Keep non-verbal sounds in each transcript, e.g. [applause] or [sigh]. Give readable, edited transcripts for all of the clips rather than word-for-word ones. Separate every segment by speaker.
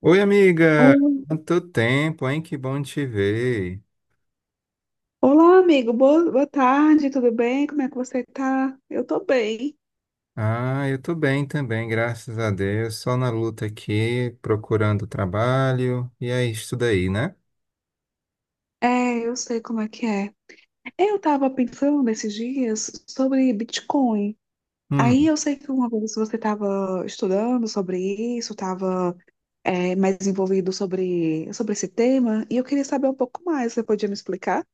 Speaker 1: Oi, amiga!
Speaker 2: Oi.
Speaker 1: Quanto tempo, hein? Que bom te ver.
Speaker 2: Olá, amigo. Boa tarde, tudo bem? Como é que você tá? Eu tô bem.
Speaker 1: Ah, eu tô bem também, graças a Deus. Só na luta aqui, procurando trabalho, e é isso daí, né?
Speaker 2: É, eu sei como é que é. Eu tava pensando esses dias sobre Bitcoin. Aí
Speaker 1: Hum.
Speaker 2: eu sei que uma vez você estava estudando sobre isso, estava mais envolvido sobre esse tema, e eu queria saber um pouco mais. Você podia me explicar?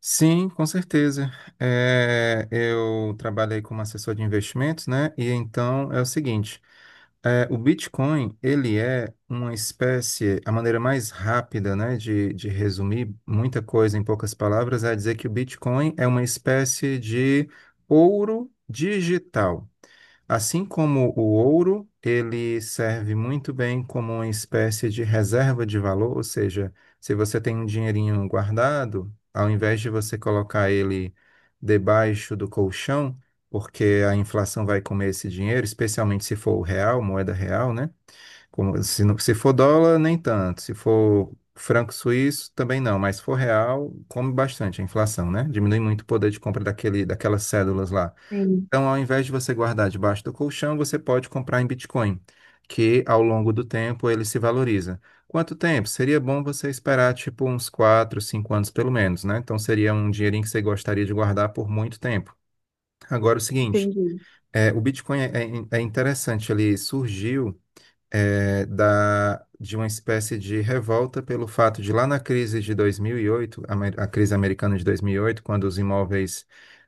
Speaker 1: Sim, com certeza. É, eu trabalhei como assessor de investimentos, né? E então é o seguinte. É, o Bitcoin, ele é uma espécie, a maneira mais rápida, né, de resumir muita coisa em poucas palavras é dizer que o Bitcoin é uma espécie de ouro digital. Assim como o ouro, ele serve muito bem como uma espécie de reserva de valor, ou seja, se você tem um dinheirinho guardado, ao invés de você colocar ele debaixo do colchão, porque a inflação vai comer esse dinheiro, especialmente se for o real, moeda real, né? Como, se for dólar, nem tanto. Se for franco suíço, também não. Mas se for real, come bastante a inflação, né? Diminui muito o poder de compra daquelas cédulas lá.
Speaker 2: Sim,
Speaker 1: Então, ao invés de você guardar debaixo do colchão, você pode comprar em Bitcoin, que ao longo do tempo ele se valoriza. Quanto tempo? Seria bom você esperar, tipo, uns 4, 5 anos pelo menos, né? Então, seria um dinheirinho que você gostaria de guardar por muito tempo. Agora, é o seguinte.
Speaker 2: entendi.
Speaker 1: É, o Bitcoin é interessante, ele surgiu de uma espécie de revolta pelo fato de lá na crise de 2008, a crise americana de 2008, quando os imóveis,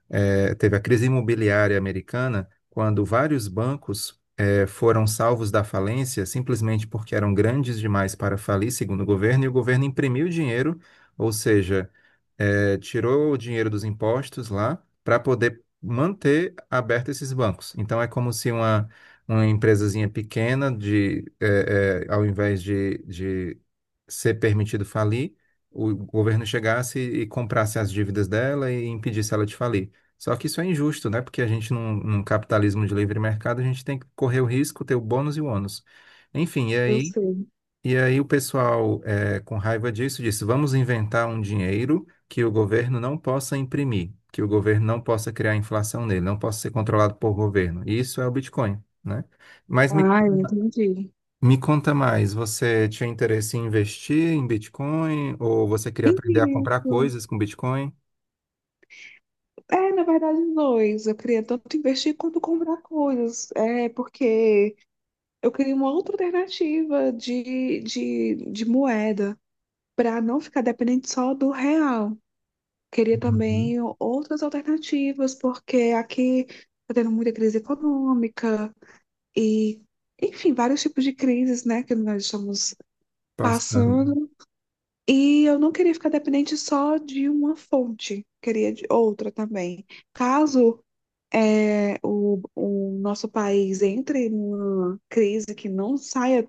Speaker 1: teve a crise imobiliária americana, quando vários bancos foram salvos da falência simplesmente porque eram grandes demais para falir, segundo o governo, e o governo imprimiu dinheiro, ou seja, tirou o dinheiro dos impostos lá para poder manter aberto esses bancos. Então é como se uma empresazinha pequena de ao invés de ser permitido falir, o governo chegasse e comprasse as dívidas dela e impedisse ela de falir. Só que isso é injusto, né? Porque a gente, num capitalismo de livre mercado, a gente tem que correr o risco, ter o bônus e o ônus. Enfim, e
Speaker 2: Eu
Speaker 1: aí
Speaker 2: sei.
Speaker 1: e aí o pessoal, com raiva disso, disse: vamos inventar um dinheiro que o governo não possa imprimir, que o governo não possa criar inflação nele, não possa ser controlado por governo. E isso é o Bitcoin, né? Mas me,
Speaker 2: Ah, eu entendi.
Speaker 1: me conta mais, você tinha interesse em investir em Bitcoin ou você queria aprender a
Speaker 2: Entendi.
Speaker 1: comprar coisas com Bitcoin?
Speaker 2: É, na verdade, os dois. Eu queria tanto investir quanto comprar coisas. É, porque eu queria uma outra alternativa de moeda, para não ficar dependente só do real. Queria
Speaker 1: Uhum.
Speaker 2: também outras alternativas, porque aqui está tendo muita crise econômica e, enfim, vários tipos de crises, né, que nós estamos
Speaker 1: Passando.
Speaker 2: passando. E eu não queria ficar dependente só de uma fonte, queria de outra também. Caso o nosso país entre numa crise que não saia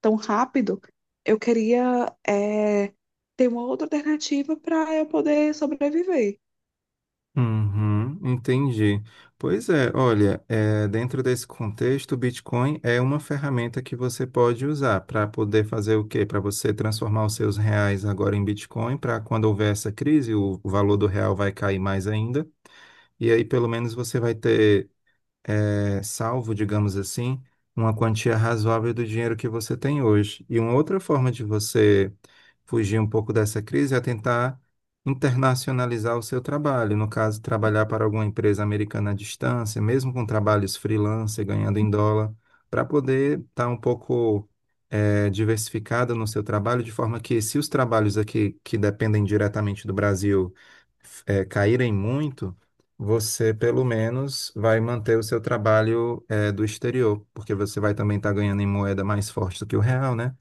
Speaker 2: tão rápido, eu queria ter uma outra alternativa para eu poder sobreviver.
Speaker 1: Uhum, entendi. Pois é, olha, dentro desse contexto, o Bitcoin é uma ferramenta que você pode usar para poder fazer o quê? Para você transformar os seus reais agora em Bitcoin, para quando houver essa crise, o valor do real vai cair mais ainda. E aí, pelo menos, você vai ter salvo, digamos assim, uma quantia razoável do dinheiro que você tem hoje. E uma outra forma de você fugir um pouco dessa crise é tentar internacionalizar o seu trabalho. No caso, trabalhar para alguma empresa americana à distância, mesmo com trabalhos freelance, ganhando em dólar, para poder estar um pouco, diversificado no seu trabalho, de forma que se os trabalhos aqui que dependem diretamente do Brasil caírem muito, você pelo menos vai manter o seu trabalho do exterior, porque você vai também estar ganhando em moeda mais forte do que o real, né?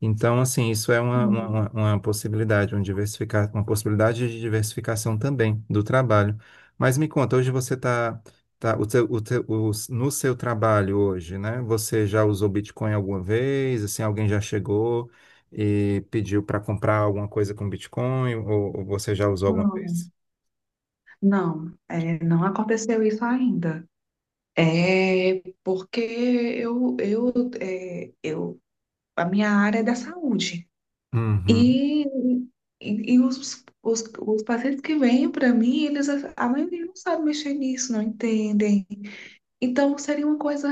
Speaker 1: Então, assim, isso é uma possibilidade, um diversificar, uma possibilidade de diversificação também do trabalho. Mas me conta, hoje você está tá, tá- o teu- os- no seu trabalho hoje, né? Você já usou Bitcoin alguma vez? Assim, alguém já chegou e pediu para comprar alguma coisa com Bitcoin? Ou você já usou alguma
Speaker 2: Não,
Speaker 1: vez?
Speaker 2: não, não aconteceu isso ainda. É porque eu a minha área é da saúde.
Speaker 1: Uhum,
Speaker 2: E, e os pacientes que vêm para mim, eles, a maioria não sabe mexer nisso, não entendem. Então, seria uma coisa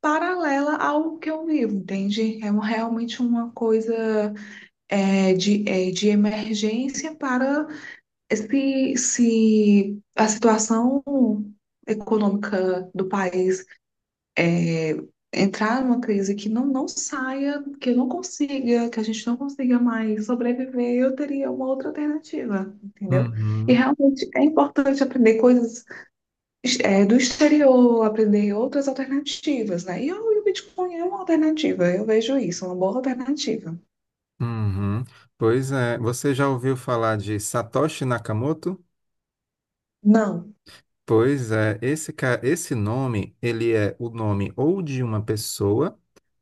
Speaker 2: paralela ao que eu vivo, entende? Realmente uma coisa de emergência para se a situação econômica do país é, entrar numa crise que não saia, que não consiga, que a gente não consiga mais sobreviver, eu teria uma outra alternativa, entendeu? E
Speaker 1: uhum.
Speaker 2: realmente é importante aprender coisas do exterior, aprender outras alternativas, né? E o Bitcoin é uma alternativa, eu vejo isso, uma boa alternativa.
Speaker 1: Uhum. Pois é, você já ouviu falar de Satoshi Nakamoto?
Speaker 2: Não.
Speaker 1: Pois é, esse nome, ele é o nome ou de uma pessoa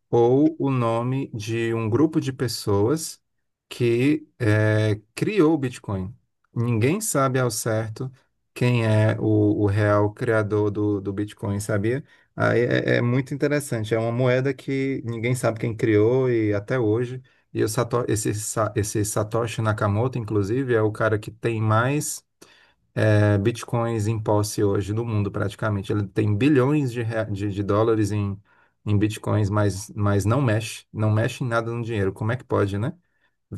Speaker 1: ou o nome de um grupo de pessoas que criou o Bitcoin. Ninguém sabe ao certo quem é o real criador do Bitcoin, sabia? Aí é muito interessante. É uma moeda que ninguém sabe quem criou e até hoje. E o esse Satoshi Nakamoto, inclusive, é o cara que tem mais bitcoins em posse hoje no mundo, praticamente. Ele tem bilhões de dólares em bitcoins, mas não mexe, não mexe em nada no dinheiro. Como é que pode, né?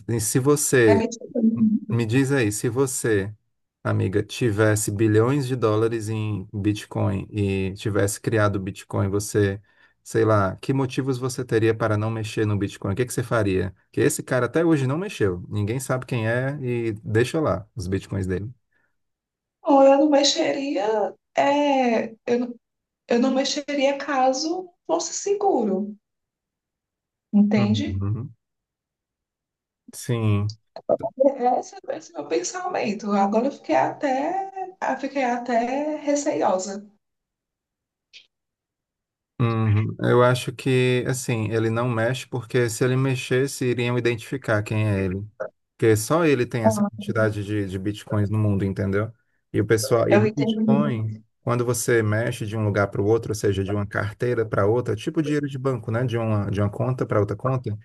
Speaker 1: E se você,
Speaker 2: Tipo, não,
Speaker 1: me diz aí, se você, amiga, tivesse bilhões de dólares em Bitcoin e tivesse criado o Bitcoin, você, sei lá, que motivos você teria para não mexer no Bitcoin? O que que você faria? Que esse cara até hoje não mexeu. Ninguém sabe quem é e deixa lá os Bitcoins dele.
Speaker 2: eu não mexeria, eu não mexeria caso fosse seguro, entende?
Speaker 1: Uhum. Sim.
Speaker 2: Esse é o meu pensamento. Agora eu fiquei até receiosa.
Speaker 1: Uhum. Eu acho que, assim, ele não mexe porque se ele mexesse, iriam identificar quem é ele. Porque só ele tem essa
Speaker 2: Ah,
Speaker 1: quantidade de bitcoins no mundo, entendeu? E o pessoal, e
Speaker 2: eu
Speaker 1: no
Speaker 2: entendi.
Speaker 1: Bitcoin, quando você mexe de um lugar para o outro, ou seja, de uma carteira para outra, tipo dinheiro de banco, né? De uma conta para outra conta,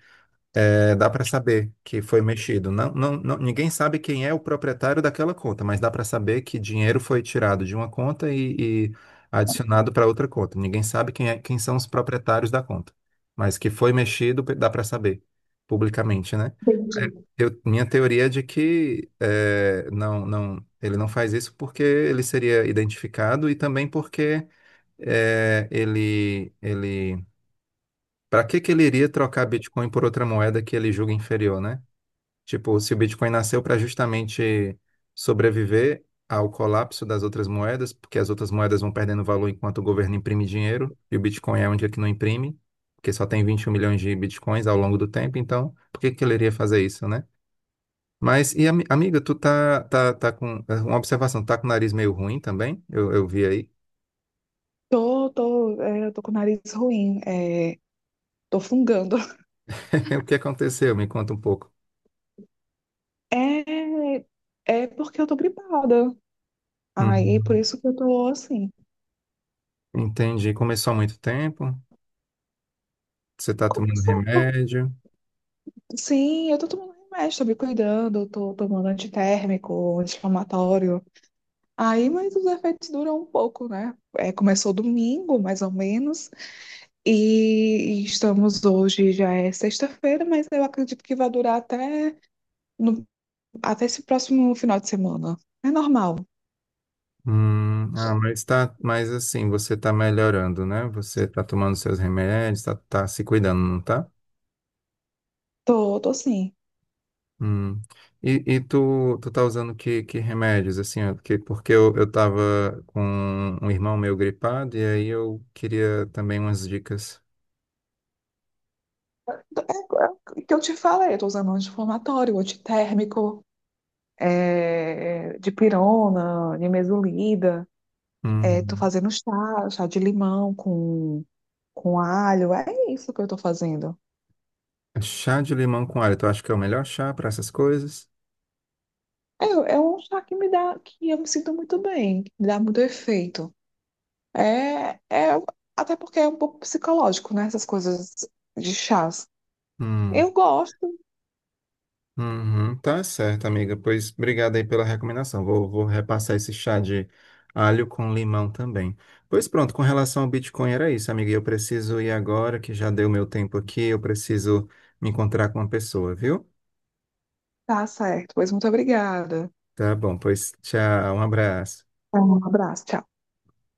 Speaker 1: é, dá para saber que foi mexido. Ninguém sabe quem é o proprietário daquela conta, mas dá para saber que dinheiro foi tirado de uma conta e adicionado para outra conta. Ninguém sabe quem é, quem são os proprietários da conta, mas que foi mexido, dá para saber publicamente, né?
Speaker 2: Entendi.
Speaker 1: Minha teoria é de que não, não, ele não faz isso porque ele seria identificado e também porque é, ele, ele, para que que ele iria trocar Bitcoin por outra moeda que ele julga inferior, né? Tipo, se o Bitcoin nasceu para justamente sobreviver ao colapso das outras moedas, porque as outras moedas vão perdendo valor enquanto o governo imprime dinheiro, e o Bitcoin é onde é que não imprime, porque só tem 21 milhões de Bitcoins ao longo do tempo, então por que que ele iria fazer isso, né? Mas, e amiga, tu tá com uma observação, tá com o nariz meio ruim também? Eu vi aí.
Speaker 2: Tô eu tô com o nariz ruim, tô fungando.
Speaker 1: [laughs] O que aconteceu? Me conta um pouco.
Speaker 2: É, é porque eu tô gripada. Aí, é por
Speaker 1: Uhum.
Speaker 2: isso que eu tô assim.
Speaker 1: Entendi. Começou há muito tempo? Você tá tomando
Speaker 2: Começou.
Speaker 1: remédio?
Speaker 2: Sim, eu tô tomando remédio, tô me cuidando, eu tô tomando antitérmico, anti-inflamatório. Aí, mas os efeitos duram um pouco, né? Começou domingo, mais ou menos, e estamos hoje, já é sexta-feira, mas eu acredito que vai durar até, no- até esse próximo final de semana. É normal.
Speaker 1: Ah, mas tá, mas assim, você tá melhorando, né? Você tá tomando seus remédios, tá se cuidando, não tá?
Speaker 2: Tô assim.
Speaker 1: Hum. E tu tá usando que remédios, assim, ó, porque eu tava com um irmão meu gripado e aí eu queria também umas dicas.
Speaker 2: É, é o que eu te falei, eu tô usando anti-inflamatório, antitérmico. De pirona, nimesulida. Tô
Speaker 1: Hum.
Speaker 2: fazendo chá de limão com alho. É isso que eu tô fazendo.
Speaker 1: Chá de limão com alho, tu acha que é o melhor chá para essas coisas?
Speaker 2: É, é um chá que me dá, que eu me sinto muito bem, que me dá muito efeito. É até porque é um pouco psicológico, né? Essas coisas de chás.
Speaker 1: Hum.
Speaker 2: Eu gosto.
Speaker 1: Uhum, tá certo, amiga. Pois obrigado aí pela recomendação. Vou repassar esse chá de alho com limão também. Pois pronto, com relação ao Bitcoin era isso, amiga. E eu preciso ir agora, que já deu meu tempo aqui. Eu preciso me encontrar com uma pessoa, viu?
Speaker 2: Tá certo. Pois muito obrigada.
Speaker 1: Tá bom, pois tchau, um abraço.
Speaker 2: Um abraço. Tchau.